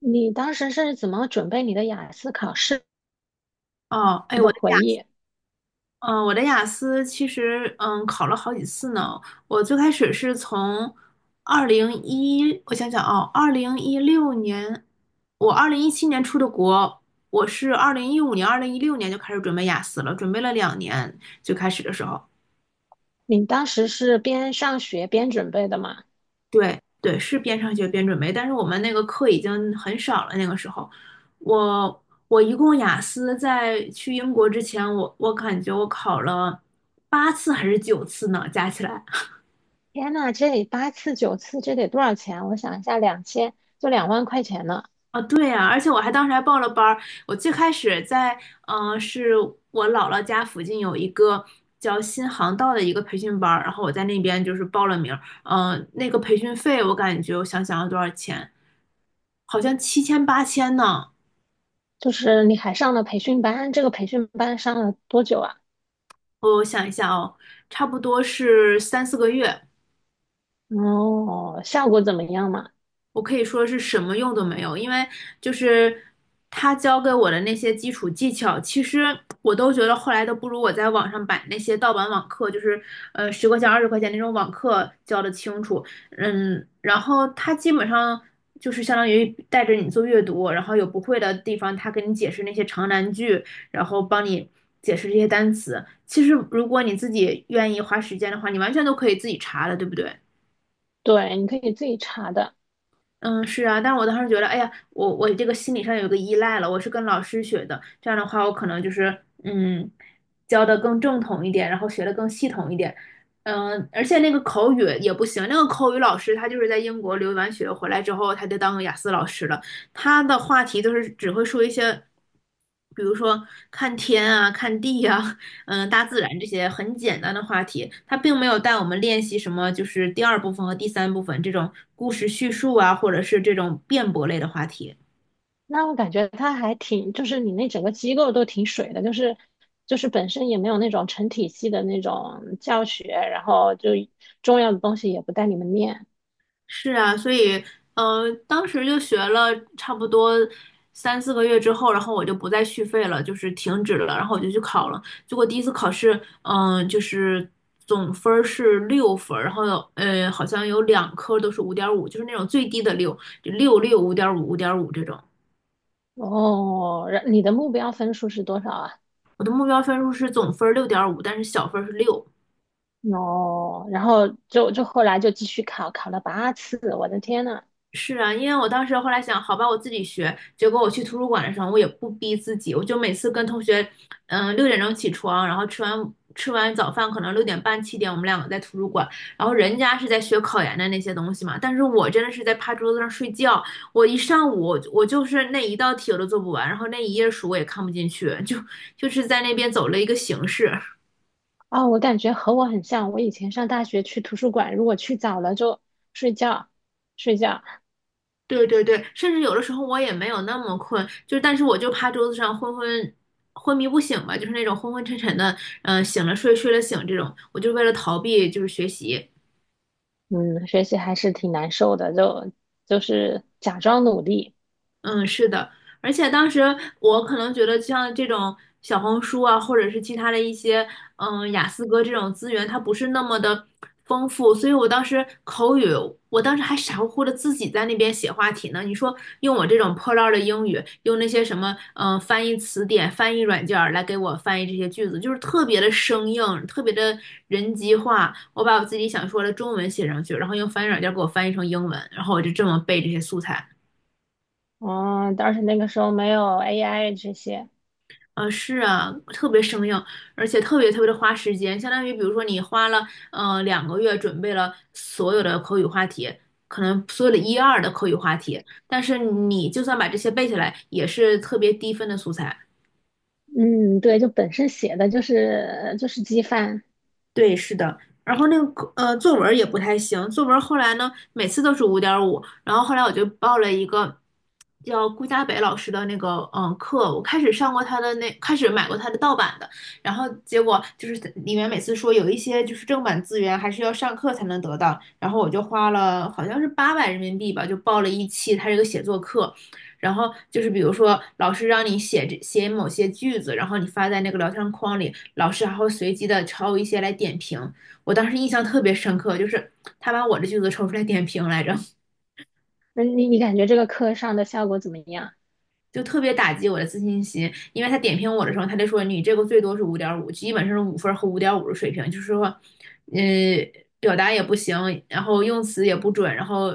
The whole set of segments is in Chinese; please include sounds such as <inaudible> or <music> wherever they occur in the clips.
你当时是怎么准备你的雅思考试哦，哎，的回忆？我的雅思其实，考了好几次呢。我最开始是从二零一，我想想啊，二零一六年，我2017年出的国，我是2015年、二零一六年就开始准备雅思了，准备了2年，最开始的时候。你当时是边上学边准备的吗？对对，是边上学边准备，但是我们那个课已经很少了。那个时候，我一共雅思在去英国之前，我感觉我考了8次还是9次呢，加起来。天呐，这八次九次，这得多少钱？我想一下，两千就两万块钱呢。啊，对呀，而且我还当时还报了班儿。我最开始在，嗯、是我姥姥家附近有一个叫新航道的一个培训班儿，然后我在那边就是报了名儿。嗯、那个培训费我感觉，我想想要多少钱，好像七千八千呢。就是你还上了培训班，这个培训班上了多久啊？我想一下哦，差不多是三四个月。哦，效果怎么样嘛？我可以说是什么用都没有，因为就是他教给我的那些基础技巧，其实我都觉得后来都不如我在网上买那些盗版网课，就是十块钱、20块钱那种网课教的清楚。然后他基本上就是相当于带着你做阅读，然后有不会的地方，他给你解释那些长难句，然后帮你解释这些单词。其实如果你自己愿意花时间的话，你完全都可以自己查的，对不对？对，你可以自己查的。嗯，是啊，但我当时觉得，哎呀，我这个心理上有个依赖了，我是跟老师学的，这样的话，我可能就是教的更正统一点，然后学的更系统一点，而且那个口语也不行，那个口语老师他就是在英国留完学回来之后，他就当个雅思老师了，他的话题都是只会说一些，比如说看天啊、看地啊、大自然这些很简单的话题。他并没有带我们练习什么，就是第二部分和第三部分这种故事叙述啊，或者是这种辩驳类的话题。那我感觉他还挺，就是你那整个机构都挺水的，就是本身也没有那种成体系的那种教学，然后就重要的东西也不带你们念。是啊，所以，当时就学了差不多三四个月之后，然后我就不再续费了，就是停止了，然后我就去考了。结果第一次考试，就是总分儿是6分儿然后好像有两科都是五点五，就是那种最低的六，就六六五点五五点五这种。哦，然你的目标分数是多少啊？我的目标分数是总分6.5，但是小分儿是六，哦，然后就后来就继续考，考了八次，我的天呐！是啊，因为我当时后来想，好吧，我自己学。结果我去图书馆的时候，我也不逼自己，我就每次跟同学，6点钟起床，然后吃完早饭，可能6点半7点，我们两个在图书馆。然后人家是在学考研的那些东西嘛，但是我真的是在趴桌子上睡觉。我一上午，我就是那一道题我都做不完，然后那一页书我也看不进去，就是在那边走了一个形式。啊，我感觉和我很像，我以前上大学去图书馆，如果去早了就睡觉，睡觉，对对对，甚至有的时候我也没有那么困，就但是我就趴桌子上昏迷不醒吧，就是那种昏昏沉沉的，醒了睡，睡了醒这种，我就为了逃避就是学习，嗯，学习还是挺难受的，就是假装努力。嗯，是的，而且当时我可能觉得，像这种小红书啊，或者是其他的一些，雅思哥这种资源，它不是那么的丰富，所以我当时还傻乎乎的自己在那边写话题呢。你说用我这种破烂儿的英语，用那些什么，翻译词典、翻译软件儿来给我翻译这些句子，就是特别的生硬，特别的人机化。我把我自己想说的中文写上去，然后用翻译软件儿给我翻译成英文，然后我就这么背这些素材。哦，但是那个时候没有 AI 这些，是啊，特别生硬，而且特别特别的花时间，相当于比如说你花了2个月准备了所有的口语话题，可能所有的一二的口语话题，但是你就算把这些背下来，也是特别低分的素材。嗯，对，就本身写的就是机翻。对，是的。然后那个，作文儿也不太行，作文儿后来呢，每次都是五点五。然后后来我就报了一个叫顾家北老师的那个课，我开始上过他的那，开始买过他的盗版的，然后结果就是里面每次说有一些就是正版资源还是要上课才能得到，然后我就花了好像是800人民币吧，就报了一期他这个写作课。然后就是比如说老师让你写某些句子，然后你发在那个聊天框里，老师还会随机的抽一些来点评。我当时印象特别深刻，就是他把我的句子抽出来点评来着。那你你感觉这个课上的效果怎么样？就特别打击我的自信心，因为他点评我的时候，他就说你这个最多是五点五，基本上是5分和5.5的水平，就是说，嗯，表达也不行，然后用词也不准，然后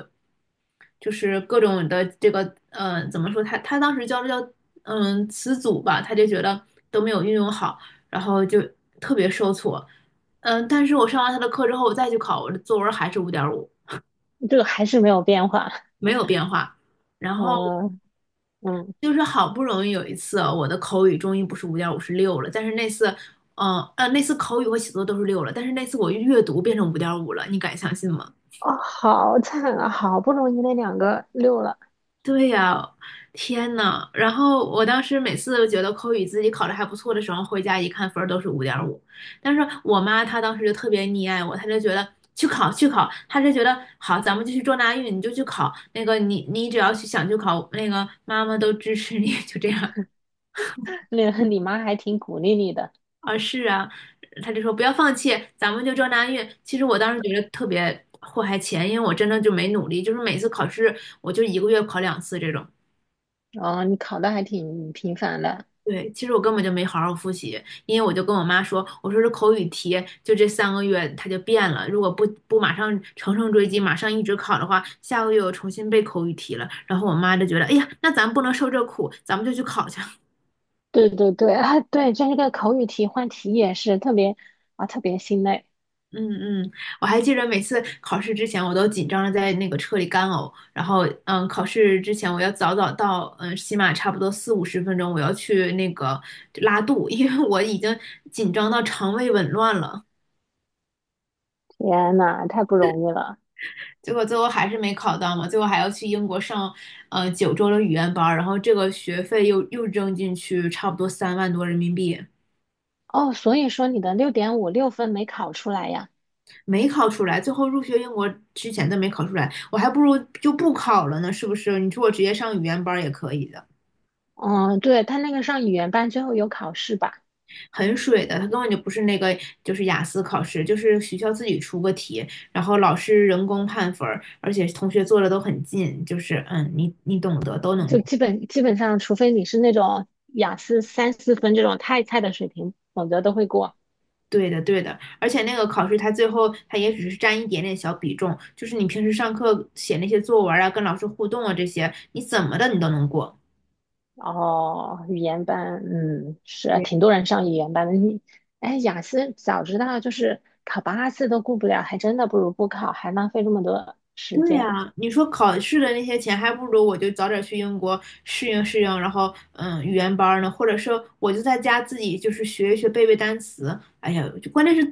就是各种的这个，怎么说？他当时教这叫词组吧，他就觉得都没有运用好，然后就特别受挫。嗯，但是我上完他的课之后，我再去考，我的作文还是五点五，这个还是没有变化。没有变化。然后嗯嗯，就是好不容易有一次，我的口语终于不是五点五，是六了。但是那次口语和写作都是六了，但是那次我阅读变成五点五了，你敢相信吗？哦，好惨啊！好不容易那两个六了，对呀，天呐！然后我当时每次觉得口语自己考得还不错的时候，回家一看分儿都是五点五。但是我妈她当时就特别溺爱我，她就觉得去考去考，她就觉得好，咱们就去撞大运，你就去考那个你只要去想去考，那个妈妈都支持你，就这样。那 <laughs> 你妈还挺鼓励你的，啊，是啊，他就说不要放弃，咱们就这那运。其实我当时觉得特别祸害钱，因为我真的就没努力，就是每次考试我就一个月考两次这种。哦，你考的还挺频繁的。对，其实我根本就没好好复习，因为我就跟我妈说，我说这口语题就这3个月它就变了，如果不马上乘胜追击，马上一直考的话，下个月我重新背口语题了。然后我妈就觉得，哎呀，那咱不能受这苦，咱们就去考去。对对对啊，对，这个口语题换题也是特别啊，特别心累。嗯嗯，我还记得每次考试之前，我都紧张的在那个车里干呕。然后，考试之前我要早早到，起码差不多四五十分钟，我要去那个拉肚，因为我已经紧张到肠胃紊乱了。天呐，太不容易了。结果最后还是没考到嘛，最后还要去英国上，9周的语言班儿，然后这个学费又扔进去，差不多3万多人民币，哦，所以说你的六点五六分没考出来呀？没考出来。最后入学英国之前都没考出来，我还不如就不考了呢，是不是？你说我直接上语言班儿也可以的。嗯，对，他那个上语言班最后有考试吧，很水的，它根本就不是那个，就是雅思考试，就是学校自己出个题，然后老师人工判分儿，而且同学做的都很近，就是你懂得都能就过。基本上，除非你是那种雅思三四分这种太菜的水平，否则都会过。对的，对的，而且那个考试它最后它也只是占一点点小比重，就是你平时上课写那些作文啊，跟老师互动啊这些，你怎么的你都能过。哦，语言班，嗯，是挺多人上语言班的。你，哎，雅思早知道就是考八次都过不了，还真的不如不考，还浪费这么多时对间。呀，你说考试的那些钱，还不如我就早点去英国适应适应，然后语言班儿呢，或者是我就在家自己就是学一学背背单词。哎呀，就关键是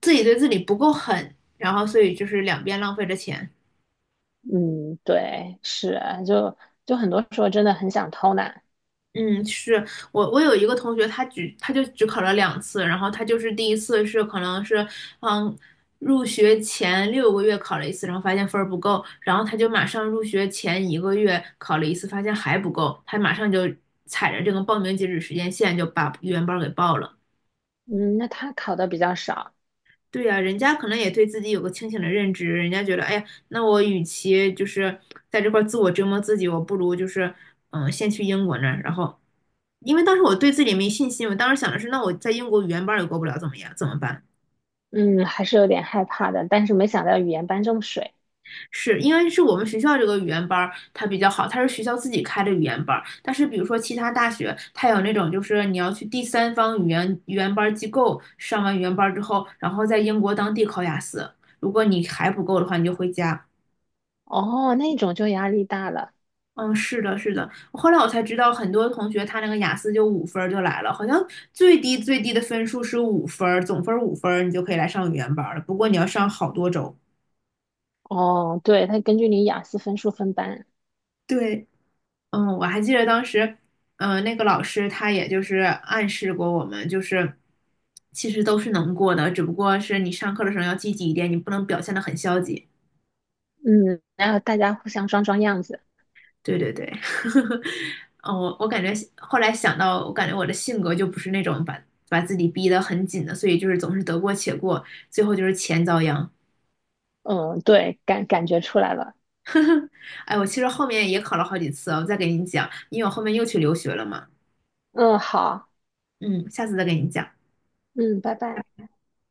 自己对自己不够狠，然后所以就是两边浪费着钱。嗯，对，是，就就很多时候真的很想偷懒。嗯，是我有一个同学，他就只考了两次，然后他就是第一次是可能是，嗯，入学前6个月考了一次，然后发现分儿不够，然后他就马上入学前一个月考了一次，发现还不够，他马上就踩着这个报名截止时间线就把语言班儿给报了。嗯，那他考的比较少，对呀，人家可能也对自己有个清醒的认知，人家觉得，哎呀，那我与其就是在这块儿自我折磨自己，我不如就是先去英国那儿，然后，因为当时我对自己没信心，我当时想的是，那我在英国语言班儿也过不了，怎么样？怎么办？嗯，还是有点害怕的，但是没想到语言班这么水。是因为我们学校这个语言班儿它比较好，它是学校自己开的语言班儿，但是比如说其他大学，它有那种就是你要去第三方语言班儿机构上完语言班儿之后，然后在英国当地考雅思，如果你还不够的话，你就回家。哦，那种就压力大了。嗯，是的，是的。后来我才知道，很多同学他那个雅思就五分儿就来了，好像最低最低的分数是五分儿，总分儿五分儿，你就可以来上语言班儿了。不过你要上好多周。哦，对，他根据你雅思分数分班，对，嗯，我还记得当时，那个老师他也就是暗示过我们，就是其实都是能过的，只不过是你上课的时候要积极一点，你不能表现得很消极。嗯，然后大家互相装装样子，对对对，<laughs> 嗯，我感觉后来想到，我感觉我的性格就不是那种把自己逼得很紧的，所以就是总是得过且过，最后就是钱遭殃。嗯，对，感觉出来了，哎，我其实后面也考了好几次啊我再给你讲，因为我后面又去留学了嘛，嗯，好，嗯，下次再给你讲。嗯，拜拜。